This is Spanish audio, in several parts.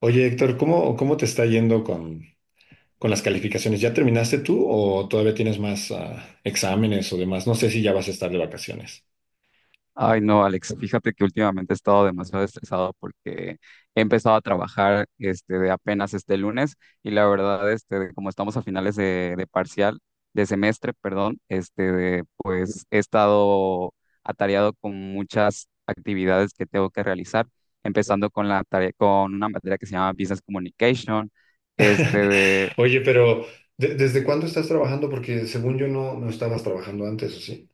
Oye, Héctor, ¿cómo te está yendo con las calificaciones? ¿Ya terminaste tú o todavía tienes más exámenes o demás? No sé si ya vas a estar de vacaciones. Ay, no, Alex, fíjate que últimamente he estado demasiado estresado porque he empezado a trabajar este, de apenas este lunes y la verdad, este, de como estamos a finales de parcial, de semestre, perdón, pues he estado atareado con muchas actividades que tengo que realizar, empezando con la tarea, con una materia que se llama Business Communication. este, de, Oye, pero ¿desde cuándo estás trabajando? Porque según yo no estabas trabajando antes, ¿o sí?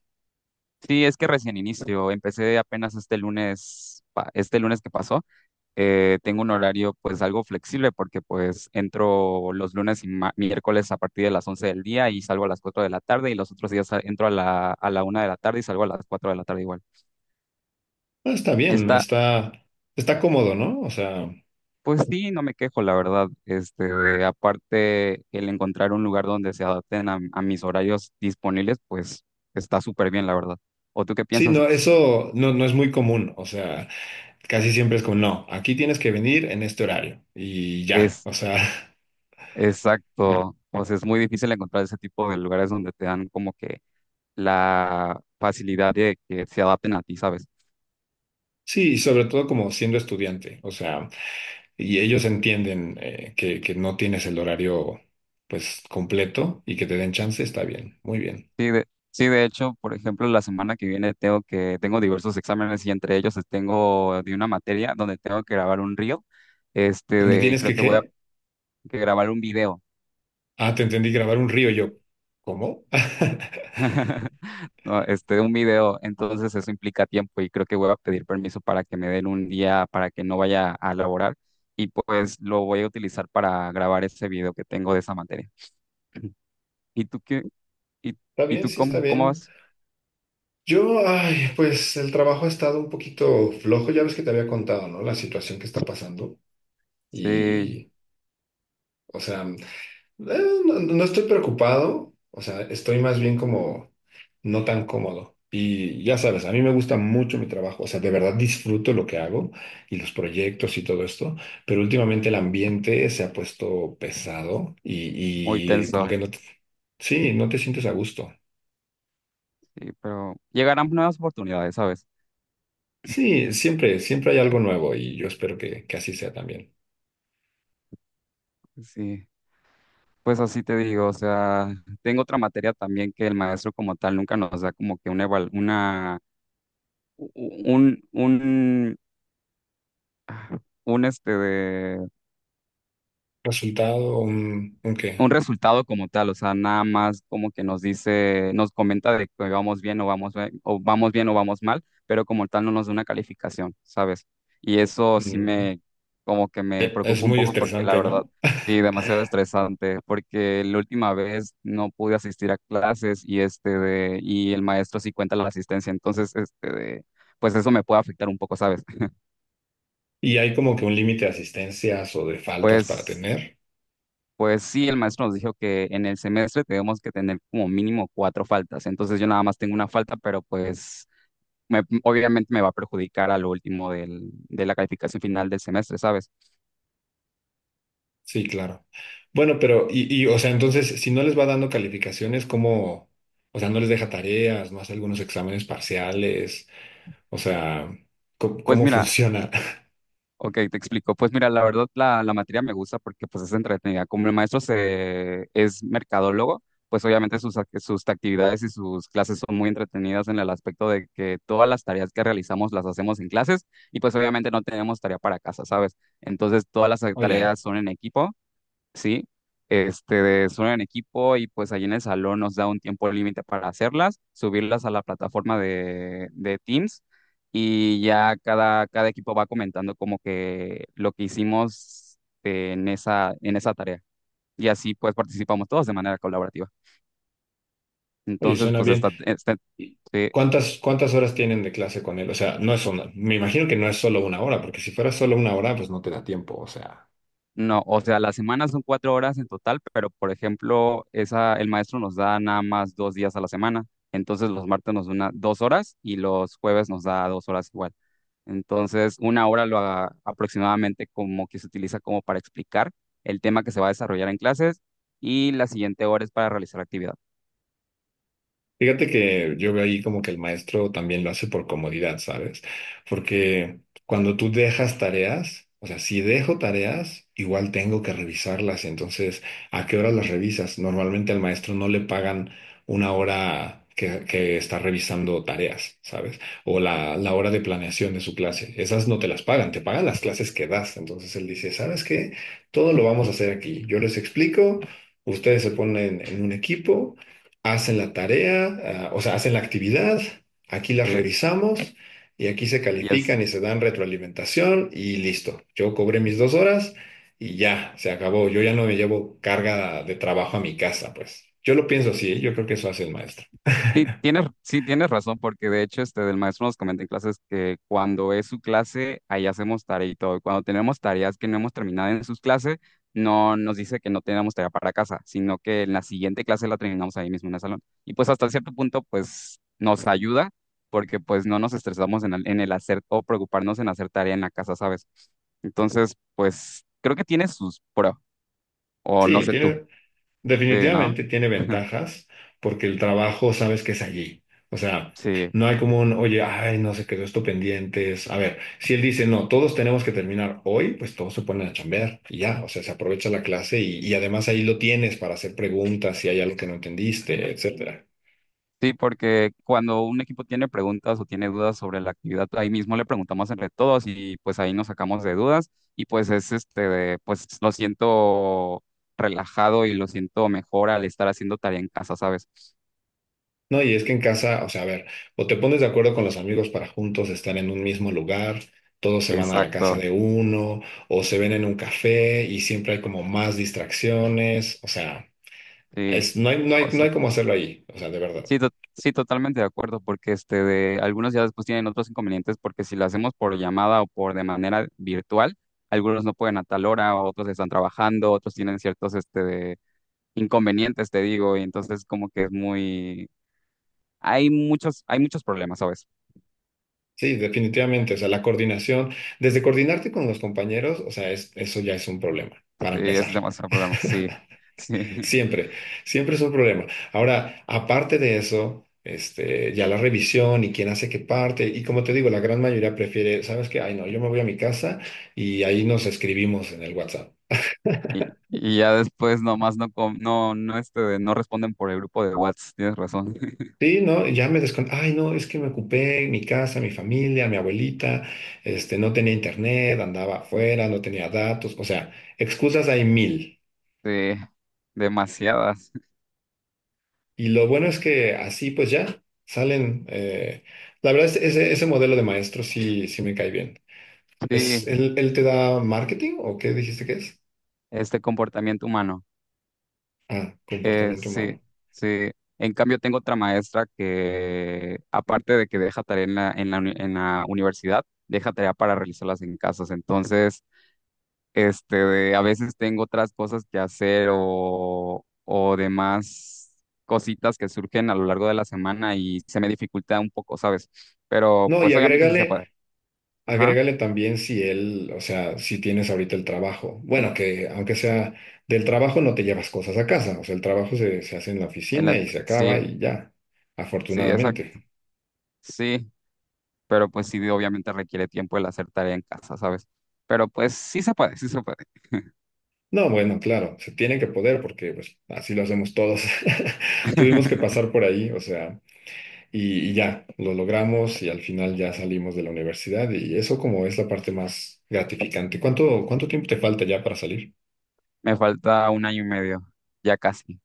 sí, es que recién inicio, empecé apenas este lunes, este lunes que pasó. Tengo un horario pues algo flexible porque pues entro los lunes y miércoles a partir de las 11 del día y salgo a las 4 de la tarde, y los otros días entro a la una de la tarde y salgo a las cuatro de la tarde igual. Ah, está bien, Está, está cómodo, ¿no? O sea, pues sí, no me quejo, la verdad. Aparte, el encontrar un lugar donde se adapten a mis horarios disponibles, pues está súper bien, la verdad. ¿O tú qué sí, piensas? no, eso no es muy común. O sea, casi siempre es como, no, aquí tienes que venir en este horario y ya. Es O sea, exacto. O sea, es muy difícil encontrar ese tipo de lugares donde te dan como que la facilidad de que se adapten a ti, ¿sabes? sí, y sobre todo como siendo estudiante. O sea. Y ellos entienden que no tienes el horario pues completo y que te den chance, está bien, muy bien. Sí, de hecho, por ejemplo, la semana que viene tengo diversos exámenes y entre ellos tengo de una materia donde tengo que grabar un reel, ¿Dónde y tienes creo que que voy a qué? que grabar un video. Ah, te entendí grabar un río yo. ¿Cómo? No, un video, entonces eso implica tiempo y creo que voy a pedir permiso para que me den un día para que no vaya a laborar y pues lo voy a utilizar para grabar ese video que tengo de esa materia. ¿Y tú qué? ¿Y, Está y bien, tú sí, está cómo bien. vas? Yo, ay, pues el trabajo ha estado un poquito flojo, ya ves que te había contado, ¿no? La situación que está pasando. Sí, Y, o sea, Eh, no, no estoy preocupado, o sea, estoy más bien como no tan cómodo. Y ya sabes, a mí me gusta mucho mi trabajo, o sea, de verdad disfruto lo que hago y los proyectos y todo esto, pero últimamente el ambiente se ha puesto pesado muy y como tenso. que no te, sí, no te sientes a gusto. Sí, pero llegarán nuevas oportunidades, ¿sabes? Sí, siempre, siempre hay algo nuevo y yo espero que así sea también. Sí, pues así te digo, o sea, tengo otra materia también que el maestro como tal nunca nos da como que una, eval- una, u- u- un, este, Resultado, un qué? un resultado como tal. O sea, nada más como que nos comenta de que vamos bien o vamos, be- o vamos bien o vamos mal, pero como tal no nos da una calificación, ¿sabes? Y eso sí Mm, como que me es preocupa un muy poco porque la estresante, verdad, ¿no? sí, demasiado estresante, porque la última vez no pude asistir a clases y y el maestro sí cuenta la asistencia, entonces pues eso me puede afectar un poco, ¿sabes? Y hay como que un límite de asistencias o de faltas para Pues tener. Pues sí, el maestro nos dijo que en el semestre tenemos que tener como mínimo 4 faltas. Entonces yo nada más tengo una falta, pero pues obviamente me va a perjudicar a lo último de la calificación final del semestre, ¿sabes? Sí, claro. Bueno, o sea, entonces, si no les va dando calificaciones, ¿cómo? O sea, no les deja tareas, no hace algunos exámenes parciales. O sea, Pues ¿cómo mira, funciona? Ok, te explico. Pues mira, la verdad la materia me gusta porque pues es entretenida. Como el maestro es mercadólogo, pues obviamente sus actividades y sus clases son muy entretenidas en el aspecto de que todas las tareas que realizamos las hacemos en clases, y pues obviamente no tenemos tarea para casa, ¿sabes? Entonces todas las Oye, ya, tareas son en equipo. Sí, este, de solo en equipo, y pues allí en el salón nos da un tiempo límite para hacerlas, subirlas a la plataforma de Teams, y ya cada equipo va comentando como que lo que hicimos en esa tarea. Y así pues participamos todos de manera colaborativa. oye, Entonces suena pues bien. ¿Y sí. ¿Cuántas, cuántas horas tienen de clase con él? O sea, no es una, me imagino que no es solo una hora, porque si fuera solo una hora, pues no te da tiempo. O sea. No, o sea, las semanas son 4 horas en total, pero por ejemplo, esa, el maestro nos da nada más 2 días a la semana. Entonces los martes nos da 2 horas y los jueves nos da 2 horas igual. Entonces, una hora aproximadamente como que se utiliza como para explicar el tema que se va a desarrollar en clases, y la siguiente hora es para realizar actividad. Fíjate que yo veo ahí como que el maestro también lo hace por comodidad, ¿sabes? Porque cuando tú dejas tareas, o sea, si dejo tareas, igual tengo que revisarlas. Entonces, ¿a qué hora las revisas? Normalmente al maestro no le pagan una hora que está revisando tareas, ¿sabes? O la hora de planeación de su clase. Esas no te las pagan, te pagan las clases que das. Entonces él dice, ¿sabes qué? Todo lo vamos a hacer aquí. Yo les explico. Ustedes se ponen en un equipo, hacen la tarea, ah, o sea, hacen la actividad, aquí las ¿Sí? revisamos y aquí se Y es califican y se dan retroalimentación y listo. Yo cobré mis dos horas y ya, se acabó. Yo ya no me llevo carga de trabajo a mi casa, pues. Yo lo pienso así, ¿eh? Yo creo que eso hace el maestro. Sí, tienes razón, porque de hecho el maestro nos comenta en clases que cuando es su clase, ahí hacemos tarea y todo. Y cuando tenemos tareas que no hemos terminado en sus clases, no nos dice que no tenemos tarea para casa, sino que en la siguiente clase la terminamos ahí mismo en el salón. Y pues hasta cierto punto, pues nos ayuda, porque pues no nos estresamos en el hacer o preocuparnos en hacer tarea en la casa, ¿sabes? Entonces, pues creo que tiene o no Sí, sé tú, tiene, ¿no? Definitivamente tiene ventajas porque el trabajo sabes que es allí. O sea, Sí. no hay como un, oye, ay, no se quedó esto pendientes. A ver, si él dice, no, todos tenemos que terminar hoy, pues todos se ponen a chambear y ya, o sea, se aprovecha la clase y además ahí lo tienes para hacer preguntas si hay algo que no entendiste, etcétera. Sí, porque cuando un equipo tiene preguntas o tiene dudas sobre la actividad, ahí mismo le preguntamos entre todos y pues ahí nos sacamos de dudas, y pues pues lo siento relajado y lo siento mejor al estar haciendo tarea en casa, ¿sabes? No, y es que en casa, o sea, a ver, o te pones de acuerdo con los amigos para juntos estar en un mismo lugar, todos se van a la casa Exacto, de uno, o se ven en un café y siempre hay como más distracciones, o sea. sí, Es, o no sea, hay cómo hacerlo ahí, o sea, de verdad. sí, totalmente de acuerdo, porque este, de algunos ya después tienen otros inconvenientes, porque si lo hacemos por llamada o por de manera virtual, algunos no pueden a tal hora, otros están trabajando, otros tienen ciertos inconvenientes, te digo, y entonces como que hay muchos problemas, ¿sabes? Sí, definitivamente, o sea, la coordinación, desde coordinarte con los compañeros, o sea, eso ya es un problema, para Sí, empezar. es demasiado problema, sí, sí. Siempre, siempre es un problema. Ahora, aparte de eso, este, ya la revisión y quién hace qué parte, y como te digo, la gran mayoría prefiere, ¿sabes qué? Ay, no, yo me voy a mi casa y ahí nos escribimos en el WhatsApp. Y, y ya después nomás no, no responden por el grupo de WhatsApp, tienes razón. Sí, no, ya me descon... Ay, no, es que me ocupé mi casa, mi familia, mi abuelita, este, no tenía internet, andaba afuera, no tenía datos, o sea, excusas hay mil. Sí, demasiadas. Y lo bueno es que así pues ya salen, la verdad es ese, ese modelo de maestro sí, sí me cae bien. ¿Es, Sí, él te da marketing o qué dijiste que es? este comportamiento humano. Ah, comportamiento Sí, humano. sí. En cambio, tengo otra maestra que, aparte de que deja tarea en la universidad, deja tarea para realizarlas en casas. Entonces, este, de a veces tengo otras cosas que hacer o demás cositas que surgen a lo largo de la semana y se me dificulta un poco, ¿sabes? Pero No, y pues obviamente sí se puede. agrégale Ajá. Agrégale también si él, o sea, si tienes ahorita el trabajo. Bueno, que aunque sea del trabajo no te llevas cosas a casa. O sea, el trabajo se hace en la En oficina la- y se acaba sí, y ya, sí, exacto. afortunadamente. Sí, pero pues sí, obviamente requiere tiempo el hacer tarea en casa, ¿sabes? Pero pues sí se puede, sí se puede. No, bueno, claro, se tiene que poder porque pues así lo hacemos todos. Tuvimos que pasar por ahí, o sea, y ya, lo logramos y al final ya salimos de la universidad y eso como es la parte más gratificante. ¿Cuánto, cuánto tiempo te falta ya para salir? Me falta un año y medio, ya casi.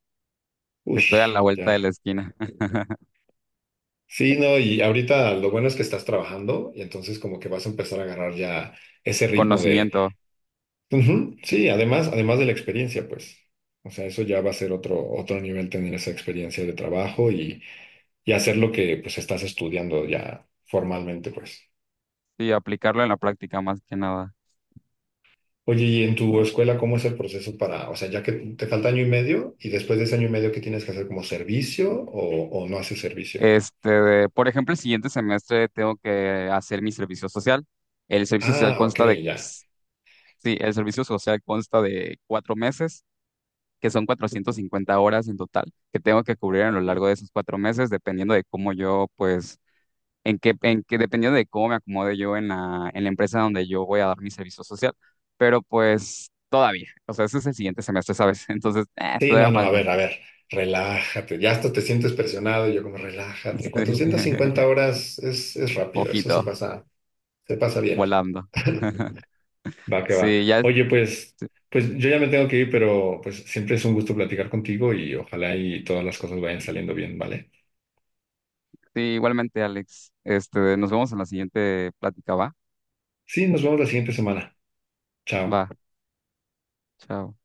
Uy, Estoy a la vuelta de ya. la esquina. Sí, no, y ahorita lo bueno es que estás trabajando y entonces como que vas a empezar a agarrar ya ese ritmo de... Conocimiento, Ujú, sí, además, además de la experiencia, pues. O sea, eso ya va a ser otro, otro nivel tener esa experiencia de trabajo y hacer lo que pues estás estudiando ya formalmente, pues. sí, aplicarlo en la práctica más que nada. Oye, ¿y en tu escuela cómo es el proceso para, o sea, ya que te falta año y medio y después de ese año y medio, ¿qué tienes que hacer como servicio o no haces servicio? Por ejemplo, el siguiente semestre tengo que hacer mi servicio social. El servicio social Ah, ok, consta de, ya. Sí, el servicio social consta de 4 meses, que son 450 horas en total, que tengo que cubrir a lo largo de esos 4 meses, dependiendo de cómo yo, pues, dependiendo de cómo me acomode yo en la empresa donde yo voy a dar mi servicio social. Pero pues, todavía, o sea, ese es el siguiente semestre, ¿sabes? Entonces, Sí, no, todavía no, falta. a ver, relájate, ya hasta te sientes presionado, y yo como relájate, 450 horas es rápido, eso Poquito, se pasa bien. volando. Va que va. Sí, ya. Oye, pues, pues yo ya me tengo que ir, pero pues siempre es un gusto platicar contigo y ojalá y todas las cosas vayan saliendo bien, ¿vale? Sí, igualmente, Alex. Nos vemos en la siguiente plática, ¿va? Sí, nos vemos la siguiente semana. Chao. Va, chao.